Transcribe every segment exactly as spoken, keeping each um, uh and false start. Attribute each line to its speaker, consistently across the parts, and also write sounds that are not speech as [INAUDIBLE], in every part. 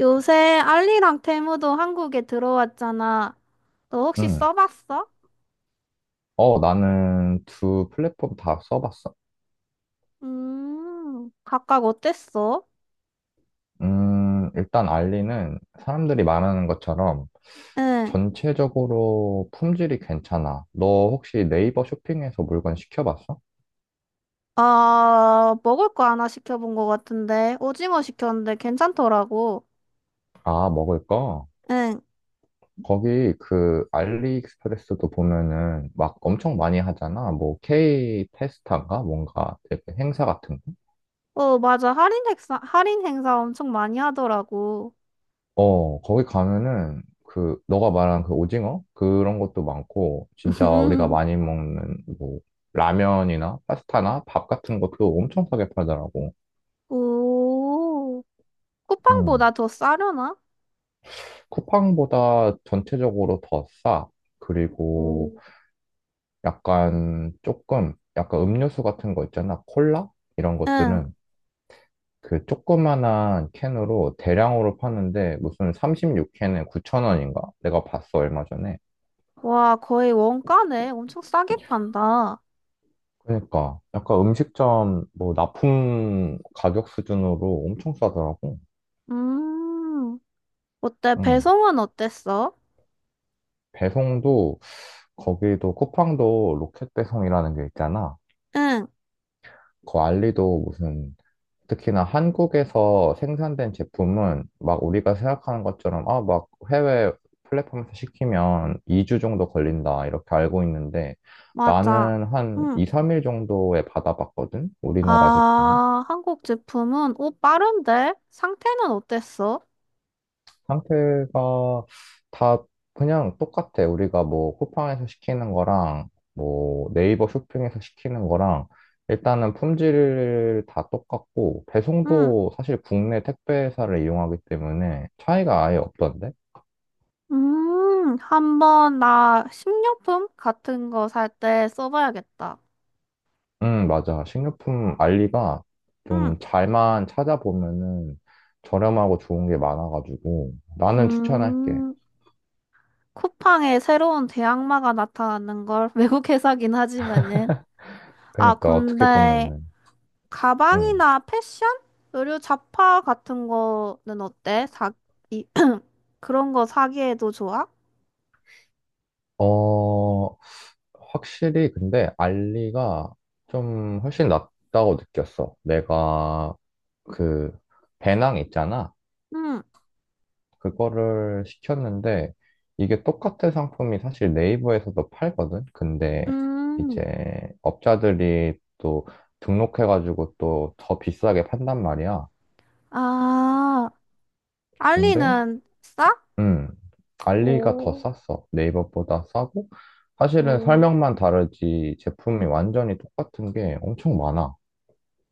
Speaker 1: 요새 알리랑 테무도 한국에 들어왔잖아. 너 혹시
Speaker 2: 음.
Speaker 1: 써봤어?
Speaker 2: 어, 나는 두 플랫폼 다 써봤어.
Speaker 1: 음, 각각 어땠어?
Speaker 2: 음, 일단 알리는 사람들이 말하는 것처럼
Speaker 1: 응.
Speaker 2: 전체적으로 품질이 괜찮아. 너 혹시 네이버 쇼핑에서 물건 시켜봤어?
Speaker 1: 아, 먹을 거 하나 시켜본 거 같은데. 오징어 시켰는데 괜찮더라고.
Speaker 2: 아, 먹을 거?
Speaker 1: 응.
Speaker 2: 거기 그 알리익스프레스도 보면은 막 엄청 많이 하잖아. 뭐 K 테스타인가 뭔가 되게 행사 같은 거.
Speaker 1: 어, 맞아. 할인 행사, 할인 행사 엄청 많이 하더라고.
Speaker 2: 어, 거기 가면은 그 너가 말한 그 오징어 그런 것도 많고 진짜 우리가
Speaker 1: [LAUGHS]
Speaker 2: 많이 먹는 뭐 라면이나 파스타나 밥 같은 것도 엄청 싸게 팔더라고.
Speaker 1: 오,
Speaker 2: 음.
Speaker 1: 쿠팡보다 더 싸려나?
Speaker 2: 쿠팡보다 전체적으로 더 싸. 그리고
Speaker 1: 오.
Speaker 2: 약간 조금 약간 음료수 같은 거 있잖아. 콜라 이런
Speaker 1: 응.
Speaker 2: 것들은 그 조그만한 캔으로 대량으로 파는데 무슨 삼십육 캔에 구천 원인가? 내가 봤어 얼마 전에.
Speaker 1: 와, 거의 원가네. 엄청 싸게 판다.
Speaker 2: 그러니까 약간 음식점 뭐 납품 가격 수준으로 엄청 싸더라고.
Speaker 1: 음. 어때?
Speaker 2: 응.
Speaker 1: 배송은 어땠어?
Speaker 2: 배송도 거기도 쿠팡도 로켓 배송이라는 게 있잖아.
Speaker 1: 응,
Speaker 2: 그 알리도 무슨 특히나 한국에서 생산된 제품은 막 우리가 생각하는 것처럼 아 막 해외 플랫폼에서 시키면 이 주 정도 걸린다 이렇게 알고 있는데
Speaker 1: 맞아.
Speaker 2: 나는 한
Speaker 1: 응.
Speaker 2: 이, 삼 일 정도에 받아봤거든. 우리나라 제품은.
Speaker 1: 아, 한국 제품은, 오, 빠른데? 상태는 어땠어?
Speaker 2: 상태가 다 그냥 똑같아. 우리가 뭐 쿠팡에서 시키는 거랑 뭐 네이버 쇼핑에서 시키는 거랑 일단은 품질 다 똑같고
Speaker 1: 응.
Speaker 2: 배송도 사실 국내 택배 회사를 이용하기 때문에 차이가 아예 없던데?
Speaker 1: 음, 한번 나 식료품 같은 거 살 때 써봐야겠다.
Speaker 2: 음, 맞아. 식료품 알리가
Speaker 1: 응.
Speaker 2: 좀 잘만 찾아보면은 저렴하고 좋은 게 많아가지고 나는 추천할게.
Speaker 1: 음, 쿠팡에 새로운 대항마가 나타나는 걸 [LAUGHS] 외국 회사긴 하지만은. 아,
Speaker 2: 그러니까 어떻게
Speaker 1: 근데
Speaker 2: 보면은 음.
Speaker 1: 가방이나 패션? 의류 잡화 같은 거는 어때? 사, 이, 그런 거 사기에도 좋아?
Speaker 2: 어, 확실히 근데 알리가 좀 훨씬 낫다고 느꼈어. 내가 그 배낭 있잖아.
Speaker 1: 응.
Speaker 2: 그거를 시켰는데 이게 똑같은 상품이 사실 네이버에서도 팔거든. 근데
Speaker 1: 음.
Speaker 2: 이제 업자들이 또 등록해가지고 또 더 비싸게 판단 말이야.
Speaker 1: 아,
Speaker 2: 근데
Speaker 1: 알리는 싸?
Speaker 2: 음 알리가 더
Speaker 1: 오,
Speaker 2: 쌌어. 네이버보다 싸고 사실은
Speaker 1: 오,
Speaker 2: 설명만 다르지 제품이 완전히 똑같은 게 엄청 많아.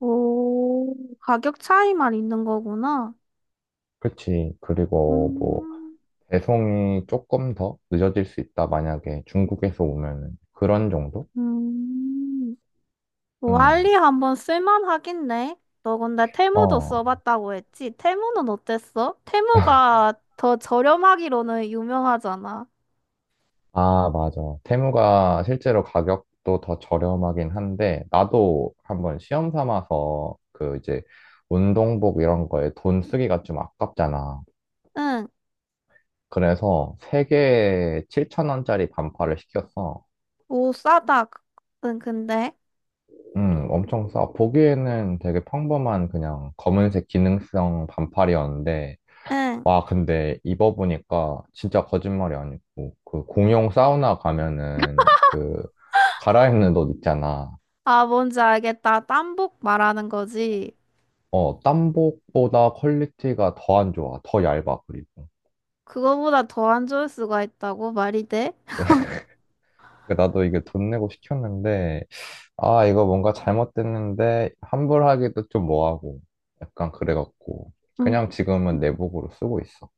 Speaker 1: 오. 가격 차이만 있는 거구나.
Speaker 2: 그치. 그리고 뭐,
Speaker 1: 음,
Speaker 2: 배송이 조금 더 늦어질 수 있다. 만약에 중국에서 오면은. 그런 정도?
Speaker 1: 음. 뭐,
Speaker 2: 응.
Speaker 1: 알리 한번 쓸만하겠네. 너 근데 테무도
Speaker 2: 어.
Speaker 1: 써봤다고 했지? 테무는 어땠어? 테무가 더 저렴하기로는 유명하잖아.
Speaker 2: 아, 맞아. 테무가 실제로 가격도 더 저렴하긴 한데, 나도 한번 시험 삼아서 그 이제 운동복 이런 거에 돈 쓰기가 좀 아깝잖아.
Speaker 1: 응,
Speaker 2: 그래서 세개에 칠천 원짜리 반팔을 시켰어.
Speaker 1: 오, 싸다. 그, 응, 근데.
Speaker 2: 음, 엄청 싸. 보기에는 되게 평범한 그냥 검은색 기능성 반팔이었는데,
Speaker 1: 응.
Speaker 2: 와, 근데 입어보니까 진짜 거짓말이 아니고, 그 공용 사우나 가면은 그 갈아입는 옷 있잖아.
Speaker 1: 아, 뭔지 알겠다. 땀복 말하는 거지.
Speaker 2: 어, 땀복보다 퀄리티가 더 안 좋아. 더 얇아, 그리고.
Speaker 1: 그거보다 더 안 좋을 수가 있다고 말이 돼?
Speaker 2: 그러니까 나도 이게 돈 내고 시켰는데, 아, 이거 뭔가 잘못됐는데, 환불하기도 좀 뭐하고, 약간 그래갖고, 그냥
Speaker 1: 음.
Speaker 2: 지금은 내복으로 쓰고 있어.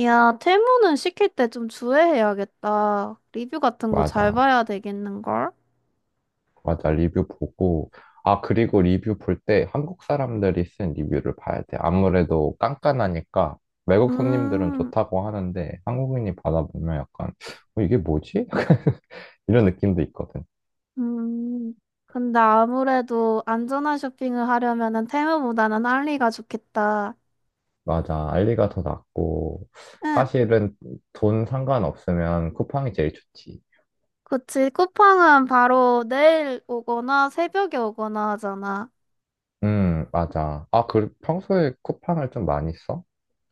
Speaker 1: 야, 테무는 시킬 때 좀 주의해야겠다. 리뷰 같은 거 잘
Speaker 2: 맞아.
Speaker 1: 봐야 되겠는걸?
Speaker 2: 맞아, 리뷰 보고. 아, 그리고 리뷰 볼 때 한국 사람들이 쓴 리뷰를 봐야 돼. 아무래도 깐깐하니까 외국 손님들은
Speaker 1: 음,
Speaker 2: 좋다고 하는데 한국인이 받아보면 약간, 어, 이게 뭐지? [LAUGHS] 이런 느낌도 있거든.
Speaker 1: 음. 근데 아무래도 안전한 쇼핑을 하려면은 테무보다는 알리가 좋겠다.
Speaker 2: 맞아, 알리가 더 낫고.
Speaker 1: 응,
Speaker 2: 사실은 돈 상관없으면 쿠팡이 제일 좋지.
Speaker 1: 그치. 쿠팡은 바로 내일 오거나 새벽에 오거나 하잖아.
Speaker 2: 음, 맞아. 아, 그 평소에 쿠팡을 좀 많이 써?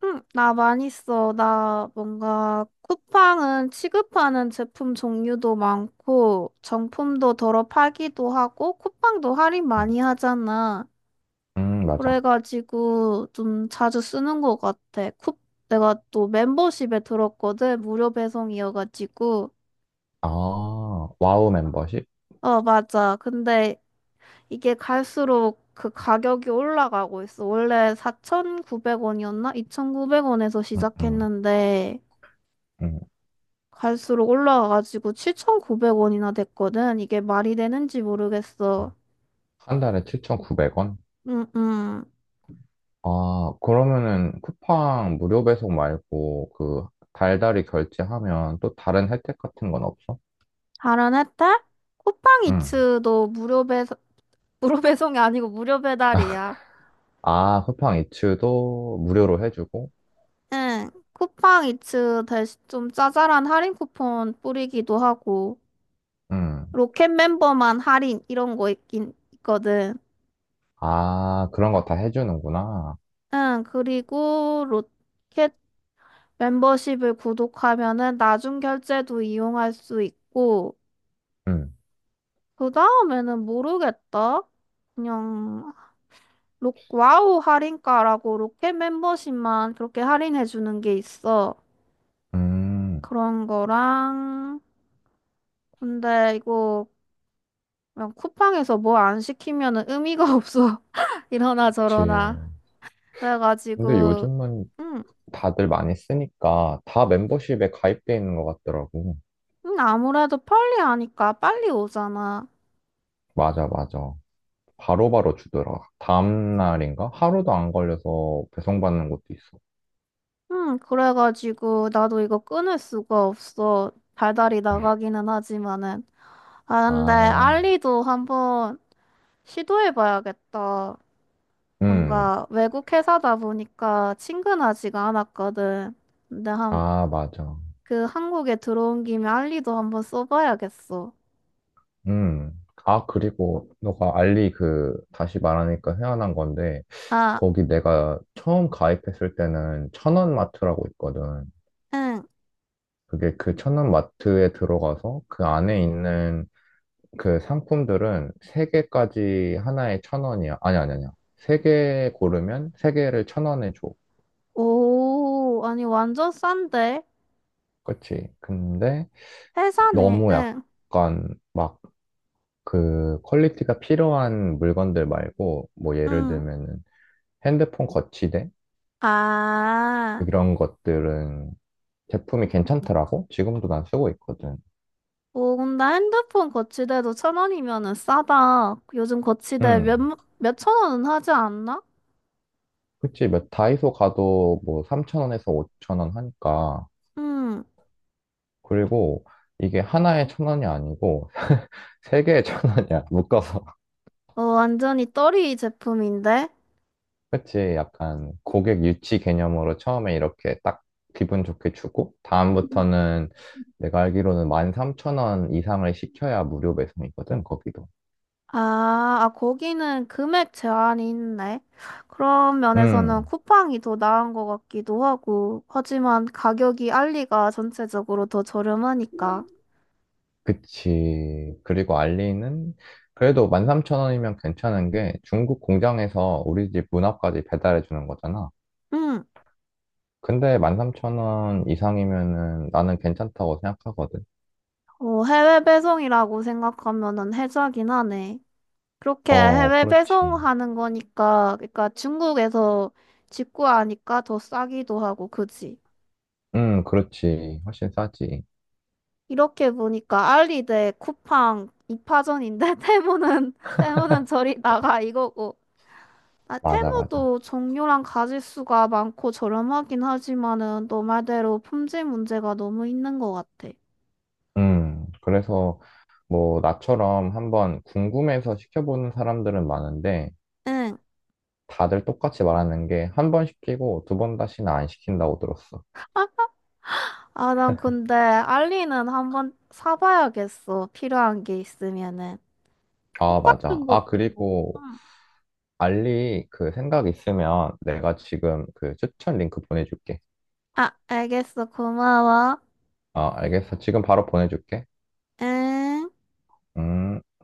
Speaker 1: 응, 나 많이 써. 나 뭔가 쿠팡은 취급하는 제품 종류도 많고, 정품도 덜어 팔기도 하고, 쿠팡도 할인
Speaker 2: 음,
Speaker 1: 많이 하잖아.
Speaker 2: 음, 맞아.
Speaker 1: 그래가지고 좀 자주 쓰는 것 같아. 쿠, 내가 또 멤버십에 들었거든. 무료 배송이어가지고.
Speaker 2: 아, 와우 멤버십?
Speaker 1: 어, 맞아. 근데 이게 갈수록 그 가격이 올라가고 있어. 원래 사천구백 원이었나? 이천구백 원에서
Speaker 2: 음, 음,
Speaker 1: 시작했는데,
Speaker 2: 음.
Speaker 1: 갈수록 올라가가지고 칠천구백 원이나 됐거든. 이게 말이 되는지 모르겠어.
Speaker 2: 한 달에 칠천구백 원?
Speaker 1: 음, 음.
Speaker 2: 아, 그러면은 쿠팡 무료 배송 말고 그 달달이 결제하면 또 다른 혜택 같은 건 없어?
Speaker 1: 다른 혜택?
Speaker 2: 응.
Speaker 1: 쿠팡이츠도 무료 배송, [LAUGHS] 무료 배송이 아니고 무료 배달이야.
Speaker 2: 아, 쿠팡 이츠도 무료로 해주고?
Speaker 1: 응. 쿠팡이츠 대신 좀 짜잘한 할인 쿠폰 뿌리기도 하고,
Speaker 2: 응.
Speaker 1: 로켓 멤버만 할인 이런 거 있긴 있거든.
Speaker 2: 아, 그런 거 다 해주는구나.
Speaker 1: 응. 그리고 로켓 멤버십을 구독하면은 나중 결제도 이용할 수 있고,
Speaker 2: 응.
Speaker 1: 그 다음에는 모르겠다. 그냥 로, 와우 할인가라고 로켓 멤버십만 그렇게 할인해 주는 게 있어.
Speaker 2: 음,
Speaker 1: 그런 거랑 근데 이거 그냥 쿠팡에서 뭐 안 시키면은 의미가 [LAUGHS] 없어. 이러나 저러나.
Speaker 2: 그치. 근데
Speaker 1: 그래가지고
Speaker 2: 요즘은
Speaker 1: 음,
Speaker 2: 다들 많이 쓰니까 다 멤버십에 가입돼 있는 것 같더라고.
Speaker 1: 음, 아무래도 빨리 하니까 빨리 오잖아.
Speaker 2: 맞아, 맞아. 바로바로 주더라. 다음 날인가? 하루도 안 걸려서 배송받는 것도 있어.
Speaker 1: 음, 그래가지고 나도 이거 끊을 수가 없어. 달달이 나가기는 하지만은. 아, 근데
Speaker 2: 아,
Speaker 1: 알리도 한번 시도해봐야겠다.
Speaker 2: 음.
Speaker 1: 뭔가 외국 회사다 보니까 친근하지가 않았거든. 근데 한,
Speaker 2: 아, 맞아.
Speaker 1: 그 한국에 들어온 김에 알리도 한번 써봐야겠어.
Speaker 2: 음. 아, 그리고 너가 알리 그 다시 말하니까 생각난 건데
Speaker 1: 아,
Speaker 2: 거기 내가 처음 가입했을 때는 천원마트라고 있거든.
Speaker 1: 응.
Speaker 2: 그게 그 천원마트에 들어가서 그 안에 있는 그 상품들은 세개까지 하나에 천원이야. 아니, 아니, 아니야. 세 개 고르면 세개를천원에 줘.
Speaker 1: 오, 아니 완전 싼데?
Speaker 2: 그치? 근데
Speaker 1: 회사네,
Speaker 2: 너무
Speaker 1: 응,
Speaker 2: 약간 막 그 퀄리티가 필요한 물건들 말고 뭐 예를
Speaker 1: 응.
Speaker 2: 들면은 핸드폰 거치대
Speaker 1: 아,
Speaker 2: 이런 것들은 제품이 괜찮더라고. 지금도 난 쓰고 있거든.
Speaker 1: 오, 근데 핸드폰 거치대도 천 원이면은 싸다. 요즘 거치대 몇,
Speaker 2: 음.
Speaker 1: 몇천 원은 하지 않나?
Speaker 2: 그치. 몇 다이소 가도 뭐 삼천 원에서 오천 원 하니까.
Speaker 1: 응.
Speaker 2: 그리고 이게 하나에 천 원이 아니고 [LAUGHS] 세 개에 천 원이야 묶어서.
Speaker 1: 어, 완전히 떨이 제품인데?
Speaker 2: [LAUGHS] 그치. 약간 고객 유치 개념으로 처음에 이렇게 딱 기분 좋게 주고 다음부터는 내가 알기로는 만 삼천 원 이상을 시켜야 무료 배송이거든, 거기도.
Speaker 1: 아, 아, 거기는 금액 제한이 있네. 그런 면에서는
Speaker 2: 음.
Speaker 1: 쿠팡이 더 나은 것 같기도 하고, 하지만 가격이 알리가 전체적으로 더 저렴하니까.
Speaker 2: 그치. 그리고 알리는 그래도 만 삼천 원이면 괜찮은 게 중국 공장에서 우리 집 문 앞까지 배달해 주는 거잖아.
Speaker 1: 응,
Speaker 2: 근데 만 삼천 원 이상이면은 나는 괜찮다고 생각하거든.
Speaker 1: 어, 해외 배송이라고 생각하면은 혜자긴 하네. 그렇게
Speaker 2: 어,
Speaker 1: 해외
Speaker 2: 그렇지.
Speaker 1: 배송하는 거니까, 그러니까 중국에서 직구하니까 더 싸기도 하고, 그지?
Speaker 2: 음, 그렇지. 훨씬 싸지.
Speaker 1: 이렇게 보니까 알리 대 쿠팡 이 파전인데, [LAUGHS] 테무는, 테무는 저리 [LAUGHS] 나가 이거고. 아,
Speaker 2: 맞아, 맞아.
Speaker 1: 테무도 종류랑 가짓수가 많고 저렴하긴 하지만은 너 말대로 품질 문제가 너무 있는 것 같아.
Speaker 2: 음, 그래서 뭐 나처럼 한번 궁금해서 시켜보는 사람들은 많은데
Speaker 1: 응.
Speaker 2: 다들 똑같이 말하는 게 한 번 시키고 두 번 다시는 안 시킨다고 들었어.
Speaker 1: 아, 난 근데 알리는 한번 사봐야겠어. 필요한 게 있으면은.
Speaker 2: 아, 맞아.
Speaker 1: 똑같은
Speaker 2: 아,
Speaker 1: 것도.
Speaker 2: 그리고
Speaker 1: 응.
Speaker 2: 알리 그 생각 있으면 내가 지금 그 추천 링크 보내줄게.
Speaker 1: 아, 알겠어. 고마워.
Speaker 2: 아, 알겠어. 지금 바로 보내줄게.
Speaker 1: 응.
Speaker 2: 음.